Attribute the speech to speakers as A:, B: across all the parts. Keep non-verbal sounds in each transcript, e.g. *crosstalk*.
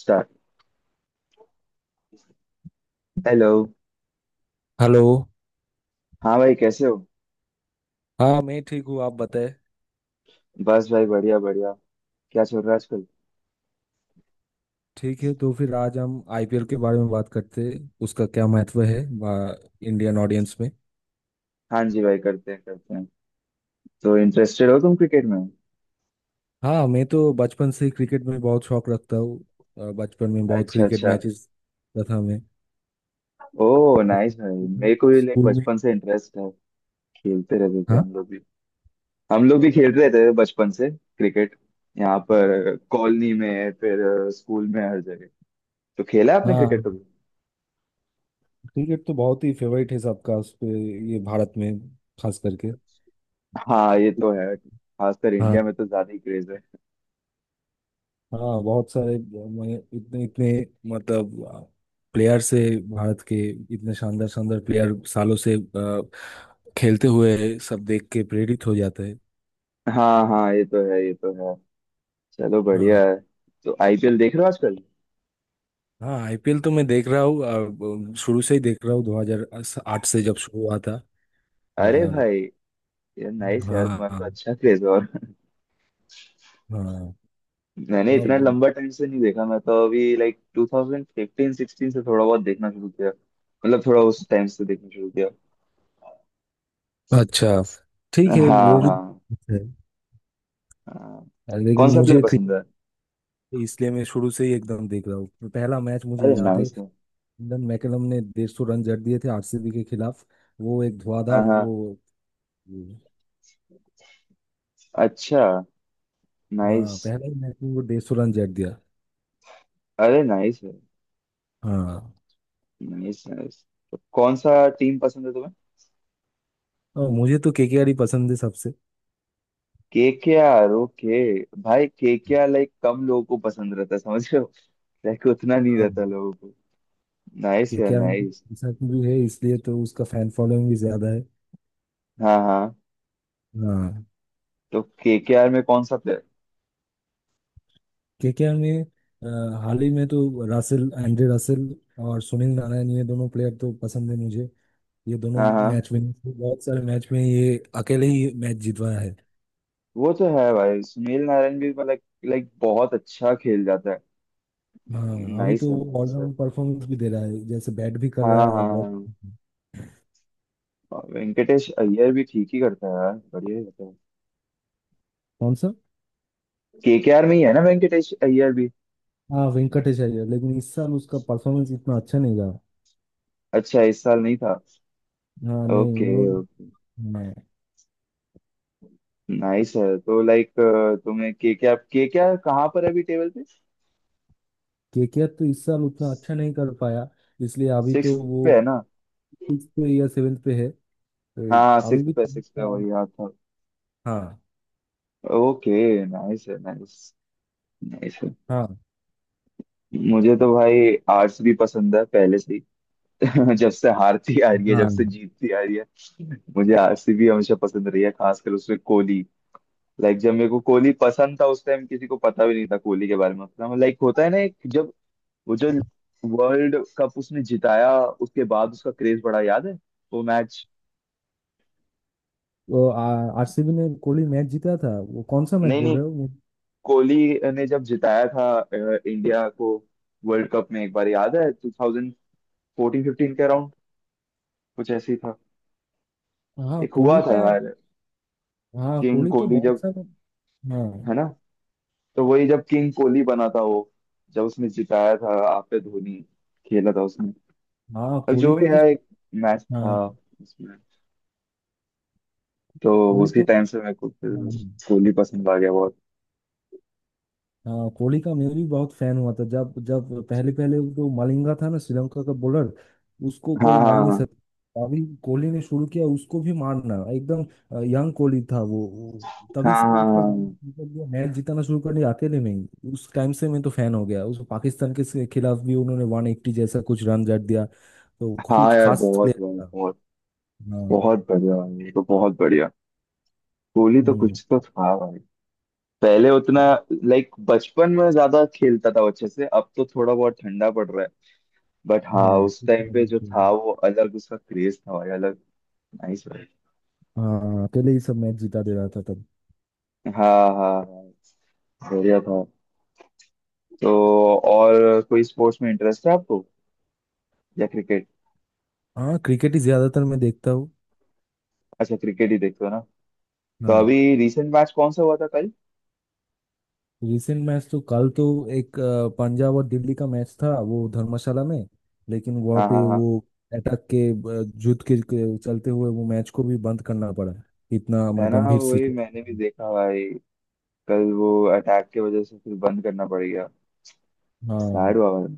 A: Start. Hello.
B: Hello.
A: हाँ भाई, कैसे हो?
B: हाँ, मैं ठीक हूँ, आप बताएं।
A: बस भाई, बढ़िया बढ़िया। क्या चल रहा है आजकल?
B: ठीक है, तो फिर आज हम आईपीएल के बारे में बात करते हैं, उसका क्या महत्व है आ, इंडियन ऑडियंस में।
A: हाँ जी भाई, करते हैं करते हैं। तो इंटरेस्टेड हो तुम क्रिकेट में?
B: हाँ, मैं तो बचपन से ही क्रिकेट में बहुत शौक रखता हूँ। बचपन में बहुत
A: अच्छा
B: क्रिकेट
A: अच्छा।
B: मैचेस देखता था मैं।
A: ओ
B: अब
A: नाइस भाई, मेरे को भी like
B: स्कूल में।
A: बचपन से इंटरेस्ट है। खेलते रहते थे
B: हाँ,
A: हम लोग भी। हम लोग भी खेलते रहते थे बचपन से क्रिकेट, यहाँ पर कॉलोनी में, फिर स्कूल में, हर जगह। तो खेला है आपने
B: हाँ,
A: क्रिकेट कभी?
B: क्रिकेट तो बहुत ही फेवरेट है सबका उस पे। ये भारत में, खास करके।
A: हाँ ये तो है, खासकर
B: हाँ,
A: इंडिया में तो ज्यादा ही क्रेज है।
B: हाँ, बहुत सारे। मैं इतने इतने, मतलब, प्लेयर से, भारत के इतने शानदार शानदार प्लेयर सालों से खेलते हुए सब देख के प्रेरित हो जाते हैं।
A: हाँ हाँ, ये तो है ये तो है। चलो
B: हाँ,
A: बढ़िया है। तो आईपीएल देख रहे हो आजकल?
B: हाँ, आईपीएल तो मैं देख रहा हूँ, शुरू से ही देख रहा हूँ 2008 से जब शुरू हुआ था,
A: अरे
B: और।
A: भाई, यार नाइस यार,
B: हाँ,
A: तुम्हारा
B: हाँ,
A: तो अच्छा क्रेज। और
B: हाँ।
A: मैंने इतना
B: और-
A: लंबा टाइम से नहीं देखा, मैं तो अभी लाइक 2015 16 से थोड़ा बहुत देखना शुरू किया। मतलब थोड़ा उस टाइम से देखना शुरू किया।
B: अच्छा, ठीक है,
A: हाँ
B: वो भी
A: हाँ
B: ठीक
A: हाँ।
B: है।
A: कौन
B: लेकिन
A: सा प्लेयर
B: मुझे
A: पसंद
B: क्रिकेट
A: है?
B: इसलिए मैं शुरू से ही एकदम देख रहा हूँ, पहला मैच मुझे
A: अरे
B: याद है।
A: नाइस है।
B: ईडन मैकलम ने 150 रन जड़ दिए थे आरसीबी के खिलाफ, वो एक
A: हाँ
B: धुआंधार
A: हाँ।
B: वो-
A: अच्छा, नाइस।
B: हाँ, पहले ही मैच में वो 150 रन जड़ दिया।
A: अरे नाइस है।
B: हाँ,
A: नाइस नाइस। तो कौन सा टीम पसंद है तुम्हें?
B: और मुझे तो केकेआर ही पसंद है सबसे।
A: KKR, okay. भाई केकेआर लाइक कम लोगों को पसंद रहता है, समझ रहे, रैक उतना नहीं
B: हाँ,
A: रहता लोगों को। नाइस यार,
B: केकेआर में तो
A: नाइस।
B: ऐसा भी है, इसलिए तो उसका फैन फॉलोइंग भी ज्यादा है।
A: हाँ हाँ।
B: हाँ,
A: तो केकेआर में कौन सा प्लेयर?
B: केकेआर में अ, हाल ही में तो रासेल, एंड्रे रासेल और सुनील नारायण, ये दोनों प्लेयर तो पसंद है मुझे। ये दोनों
A: हाँ हाँ,
B: मैच विनर्स, बहुत सारे मैच में ये अकेले ही मैच जितवाया है।
A: वो तो है भाई, सुनील नारायण भी मतलब लाइक बहुत अच्छा खेल जाता है।
B: हाँ, अभी
A: नाइस
B: तो
A: है,
B: वो
A: नाइस है।
B: ऑलराउंड परफॉर्मेंस भी दे रहा है, जैसे बैट भी कर
A: हाँ
B: रहा
A: हाँ
B: है और
A: हाँ।
B: बॉल।
A: हाँ। और वेंकटेश अय्यर भी ठीक ही करता है यार, बढ़िया ही करता है।
B: कौन सा?
A: केकेआर में ही है ना वेंकटेश अय्यर भी?
B: हाँ, वेंकटेश अय्यर, लेकिन इस साल उसका परफॉर्मेंस इतना अच्छा नहीं रहा।
A: अच्छा, इस साल नहीं था।
B: हाँ, नहीं,
A: ओके,
B: उन्होंने।
A: नाइस है। तो लाइक तुम्हें केकेआर, केकेआर कहाँ पर है अभी टेबल पे?
B: केकेआर तो इस साल उतना अच्छा नहीं कर पाया, इसलिए अभी
A: सिक्स
B: तो वो
A: पे है ना?
B: सिक्स पे या सेवेंथ पे है, तो
A: हाँ
B: अभी
A: सिक्स
B: भी
A: पे
B: ठीक
A: सिक्स पे,
B: है।
A: वही याद था।
B: हाँ,
A: ओके नाइस है, नाइस। नाइस है।
B: हाँ,
A: मुझे तो भाई आर्ट्स भी पसंद है पहले से ही। *laughs* जब से हारती आ रही है, जब
B: हाँ,
A: से जीतती आ रही है, मुझे आर्ट्स भी हमेशा पसंद रही है, खासकर उसमें कोहली। लाइक जब मेरे को कोहली पसंद था, उस टाइम किसी को पता भी नहीं था कोहली के बारे में उतना। लाइक होता है ना, एक जब वो जो वर्ल्ड कप उसने जिताया, उसके बाद उसका क्रेज बढ़ा। याद है वो मैच?
B: वो आरसीबी ने कोहली मैच जीता था, वो कौन सा मैच
A: नहीं
B: बोल
A: नहीं,
B: रहे हो
A: कोहली ने जब जिताया था इंडिया को, वर्ल्ड कप में एक बार। याद है टू फोर्टीन फिफ्टीन के अराउंड कुछ ऐसे ही था?
B: हाँ,
A: एक हुआ
B: कोहली
A: था
B: का।
A: यार,
B: हाँ,
A: किंग
B: कोहली तो
A: कोहली,
B: बहुत
A: जब
B: सारा। हाँ,
A: है ना, तो वही जब किंग कोहली बना था। वो जब उसने जिताया था आप पे, धोनी खेला था उसने।
B: हाँ,
A: अब जो
B: कोहली
A: भी
B: का तो।
A: है, एक मैच था
B: हाँ,
A: उसमें। तो
B: कोहली
A: उसके
B: तो।
A: टाइम से मेरे को फिर
B: हाँ,
A: कोहली पसंद आ गया बहुत।
B: हाँ, कोहली का मैं भी बहुत फैन हुआ था, जब जब पहले पहले जो मलिंगा था ना, श्रीलंका का बॉलर, उसको
A: हाँ
B: कोई
A: हाँ
B: मार नहीं
A: हाँ
B: सकता अभी। कोहली ने शुरू किया उसको भी मारना एकदम, यंग कोहली था वो तभी
A: हाँ
B: से
A: हाँ
B: उसने
A: हाँ
B: मैच जिताना शुरू कर दिया अकेले, नहीं उस टाइम से मैं तो फैन हो गया, उस पाकिस्तान के खिलाफ भी उन्होंने 180 जैसा कुछ रन जड़ दिया, तो
A: हाँ। हाँ
B: कुछ
A: यार,
B: खास
A: बहुत
B: प्लेयर
A: बहुत
B: था।
A: बहुत
B: हाँ।
A: बहुत बढ़िया भाई, ये तो बहुत बढ़िया। कोहली तो
B: हम्म,
A: कुछ तो था भाई। पहले उतना
B: हाँ,
A: लाइक बचपन में ज्यादा खेलता था वो अच्छे से, अब तो थोड़ा बहुत ठंडा पड़ रहा है। बट हाँ, उस टाइम पे जो था वो अलग, उसका क्रेज था भाई अलग। नाइस भाई।
B: हाँ, अकेले ही सब मैच जिता दे रहा था तब।
A: हाँ हाँ हाँ, बढ़िया था। तो और कोई स्पोर्ट्स में इंटरेस्ट है आपको या क्रिकेट?
B: हाँ, क्रिकेट ही ज्यादातर मैं देखता हूँ।
A: अच्छा, क्रिकेट ही देखते हो ना। तो
B: हाँ,
A: अभी रिसेंट मैच कौन सा हुआ था कल?
B: रिसेंट मैच तो कल तो एक पंजाब और दिल्ली का मैच था वो धर्मशाला में। लेकिन वहाँ
A: हाँ
B: पे
A: हाँ हाँ,
B: वो अटैक के युद्ध के चलते हुए वो मैच को भी बंद करना पड़ा, इतना
A: है
B: मतलब
A: ना,
B: गंभीर
A: वही मैंने भी
B: सिचुएशन।
A: देखा भाई। कल वो अटैक की वजह से फिर बंद करना पड़ गया।
B: हाँ,
A: सैड हुआ भाई।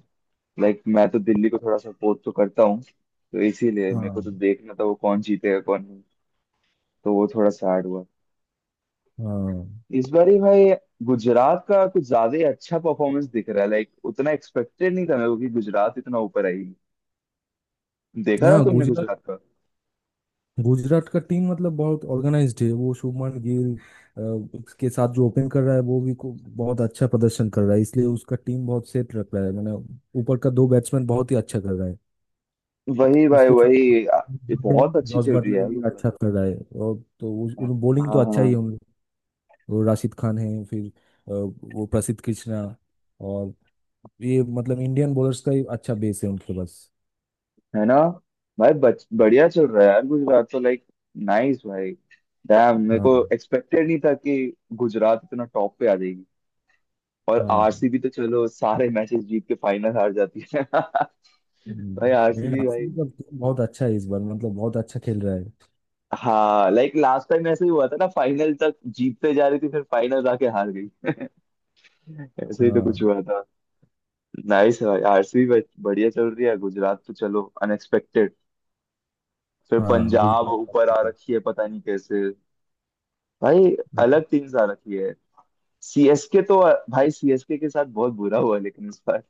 A: लाइक मैं तो दिल्ली को थोड़ा सपोर्ट तो करता हूँ, तो इसीलिए मेरे को
B: हाँ,
A: तो देखना था वो कौन जीतेगा कौन नहीं। तो वो थोड़ा सैड हुआ
B: हाँ।
A: इस बार ही भाई। गुजरात का कुछ ज्यादा ही अच्छा परफॉर्मेंस दिख रहा है, लाइक उतना एक्सपेक्टेड नहीं था मेरे को कि गुजरात इतना ऊपर आएगी। देखा था
B: हाँ,
A: तुमने
B: गुजरात,
A: गुजरात का?
B: गुजरात का टीम मतलब बहुत ऑर्गेनाइज्ड है, वो शुभमन गिल के साथ जो ओपन कर रहा है वो भी को बहुत अच्छा प्रदर्शन कर रहा है, इसलिए उसका टीम बहुत सेट रख रहा है। मैंने ऊपर का दो बैट्समैन बहुत ही अच्छा कर रहा है,
A: वही भाई
B: उसके
A: वही,
B: साथ
A: ये बहुत अच्छी
B: जॉस
A: चल रही है
B: बटलर
A: यार
B: भी
A: गुजरात।
B: अच्छा कर रहा है, और तो
A: हाँ
B: उन बॉलिंग तो अच्छा ही है,
A: हाँ,
B: उन वो राशिद खान है, फिर वो प्रसिद्ध कृष्णा और ये मतलब इंडियन बॉलर्स का ही अच्छा बेस है उनके पास।
A: है ना भाई। बढ़िया चल रहा है यार गुजरात तो, लाइक नाइस भाई। डैम, मेरे
B: हाँ,
A: को एक्सपेक्टेड नहीं था कि गुजरात इतना टॉप पे आ जाएगी। और
B: हाँ,
A: आरसीबी तो चलो सारे मैचेस जीत के फाइनल हार जाती है। *laughs* भाई
B: लेकिन
A: आरसीबी भाई।
B: आसिफ का team बहुत अच्छा है इस बार, मतलब बहुत अच्छा खेल रहा है।
A: हाँ लाइक लास्ट टाइम ऐसे ही हुआ था ना, फाइनल तक जीतते जा रही थी फिर फाइनल जाके हार गई। *laughs* ऐसे ही तो कुछ
B: हाँ,
A: हुआ था। नाइस भाई, आरसीबी बढ़िया चल रही है। गुजरात तो चलो अनएक्सपेक्टेड। फिर
B: हाँ,
A: पंजाब
B: गुजरात
A: ऊपर आ
B: कैपिटल।
A: रखी है पता नहीं कैसे। भाई अलग टीम्स आ रखी है। सीएसके तो, भाई सीएसके के साथ बहुत बुरा हुआ लेकिन इस बार।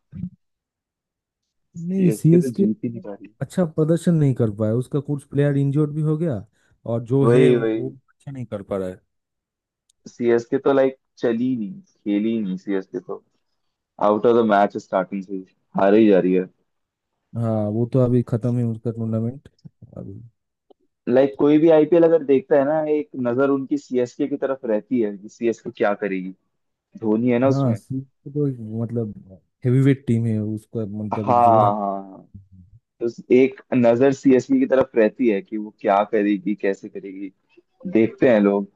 B: नहीं,
A: सीएसके तो
B: सीएसके
A: जीत ही नहीं पा रही।
B: अच्छा प्रदर्शन नहीं कर पाया, उसका कुछ प्लेयर इंजर्ड भी हो गया, और जो है
A: वही
B: वो,
A: वही,
B: वो अच्छा नहीं कर पा रहा है।
A: सीएसके तो लाइक चली नहीं खेली नहीं, सीएसके तो out of the match starting से ही, हार ही जा रही है।
B: हाँ, वो तो अभी खत्म है उसका टूर्नामेंट, अभी।
A: लाइक कोई भी आईपीएल अगर देखता है ना, एक नजर उनकी सीएसके की तरफ रहती है कि सीएसके क्या करेगी, धोनी है ना
B: हाँ,
A: उसमें।
B: सीएसके तो एक, मतलब, हेवीवेट टीम है, उसका
A: हाँ
B: मतलब एक जोड़
A: हाँ
B: है।
A: हाँ। तो एक नजर सीएसके की तरफ रहती है कि वो क्या करेगी कैसे करेगी, देखते हैं लोग।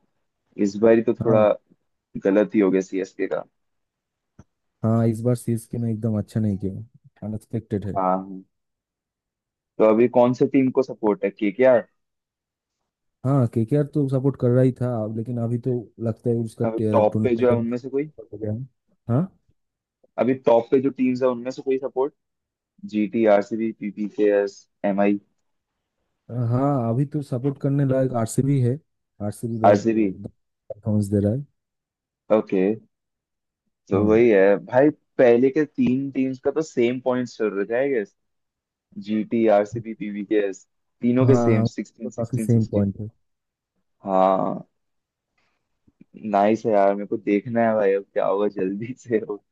A: इस बार तो
B: हाँ,
A: थोड़ा गलत ही हो गया सीएसके का।
B: हाँ, इस बार सीएसके ने एकदम अच्छा नहीं किया, अनएक्सपेक्टेड है।
A: हाँ हाँ। तो अभी कौन से टीम को सपोर्ट है, केकेआर?
B: हाँ, केकेआर तो सपोर्ट कर रहा ही था, लेकिन अभी तो लगता है उसका
A: अभी टॉप पे जो
B: टूर्नामेंट
A: है उनमें से कोई?
B: हो गया है। हाँ,
A: अभी टॉप पे जो टीम्स है उनमें से कोई support? GT, RCB, PBKS, MI?
B: हाँ, अभी तो सपोर्ट करने लायक आरसीबी है, आरसीबी बहुत
A: आरसीबी,
B: परफॉर्मेंस दे रहा है।
A: ओके। तो
B: हाँ,
A: वही है भाई। पहले के तीन टीम्स का तो सेम पॉइंट्स चल रहे थे I guess, GT RCB PBKS, तीनों के
B: हाँ,
A: सेम
B: हाँ,
A: 16
B: तो काफी
A: 16
B: सेम
A: 16।
B: पॉइंट है।
A: हाँ नाइस है यार, मेरे को देखना है भाई अब क्या होगा जल्दी। *laughs* से हो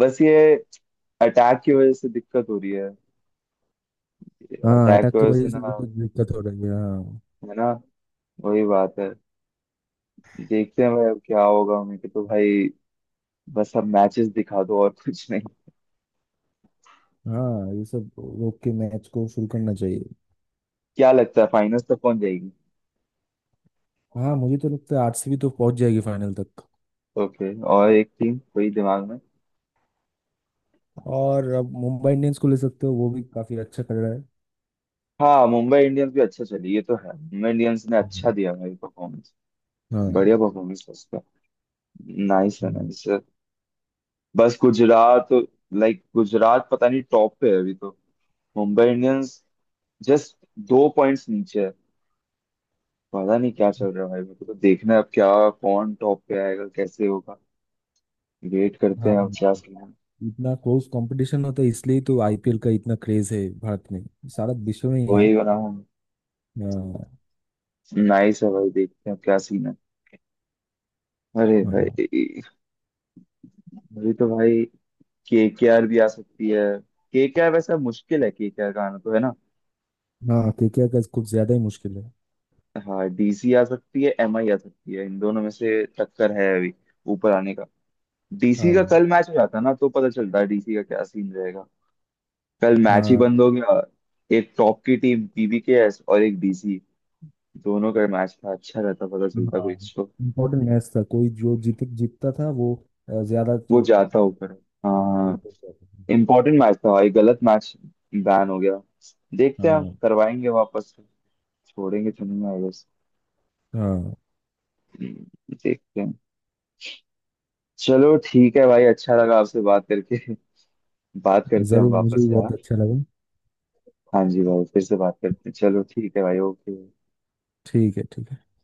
A: बस ये अटैक की वजह से दिक्कत हो रही है।
B: हाँ,
A: अटैक
B: अटैक
A: की
B: की
A: वजह से
B: वजह
A: ना,
B: से भी तो दिक्कत हो रही है। हाँ,
A: है ना, वही बात है। देखते हैं भाई अब क्या होगा। मेरे को तो भाई बस अब मैचेस दिखा दो, और कुछ नहीं।
B: हाँ, ये सब रोक के मैच को शुरू करना चाहिए।
A: क्या लगता है फाइनल्स तक कौन जाएगी?
B: हाँ, मुझे तो लगता है आरसीबी तो पहुंच जाएगी फाइनल तक,
A: ओके, और एक टीम कोई दिमाग?
B: और अब मुंबई इंडियंस को ले सकते हो, वो भी काफी अच्छा कर रहा है।
A: हाँ मुंबई इंडियंस भी अच्छा चली, ये तो है, मुंबई इंडियंस ने अच्छा
B: हम्म।
A: दिया भाई परफॉर्मेंस।
B: हाँ।
A: बढ़िया परफॉर्मेंस है उसका। नाइस है,
B: हम्म।
A: नाइस है। बस गुजरात, लाइक गुजरात पता नहीं टॉप पे है अभी तो, मुंबई इंडियंस जस्ट दो पॉइंट्स नीचे है। पता नहीं क्या चल रहा है भाई, मेरे को तो देखना है अब क्या, कौन टॉप पे आएगा कैसे होगा। वेट करते हैं अब
B: हाँ,
A: क्या सीन है।
B: इतना क्लोज कंपटीशन होता है, इसलिए तो आईपीएल का इतना क्रेज है भारत में, सारा विश्व में ही है।
A: वही बना।
B: हाँ,
A: नाइस है भाई, देखते हैं अब क्या सीन है। अरे
B: हाँ।
A: भाई, अभी तो भाई केकेआर भी आ सकती है। केकेआर वैसा मुश्किल है, केकेआर का आना, तो है ना।
B: हाँ, केकेआर का कुछ ज्यादा ही मुश्किल है।
A: हाँ डीसी आ सकती है, एमआई आ सकती है, इन दोनों में से टक्कर है अभी ऊपर आने का। डीसी
B: हाँ,
A: का कल मैच हो जाता ना, तो पता चलता है डीसी का क्या सीन रहेगा। कल मैच ही
B: हाँ,
A: बंद हो गया। एक टॉप की टीम पीबीकेएस और एक डीसी, दोनों का मैच था। अच्छा रहता, पता चलता कोई
B: हाँ,
A: तो
B: इम्पोर्टेंट मैच था, कोई जो जीत जीतता था वो ज्यादा
A: वो जाता ऊपर।
B: हाँ, वो
A: हाँ
B: ऊपर जाता था।
A: इम्पोर्टेंट मैच था, ये गलत मैच बैन हो गया। देखते हैं,
B: हाँ,
A: करवाएंगे वापस, छोड़ेंगे तो नहीं आई।
B: हाँ,
A: हम्म, देखते हैं। चलो ठीक है भाई, अच्छा लगा आपसे बात करके। *laughs* बात करते हैं हम
B: जरूर, मुझे
A: वापस
B: भी
A: यार।
B: बहुत अच्छा लगा।
A: हाँ जी भाई, फिर से बात करते हैं, चलो ठीक है भाई, ओके।
B: ठीक है, ठीक है।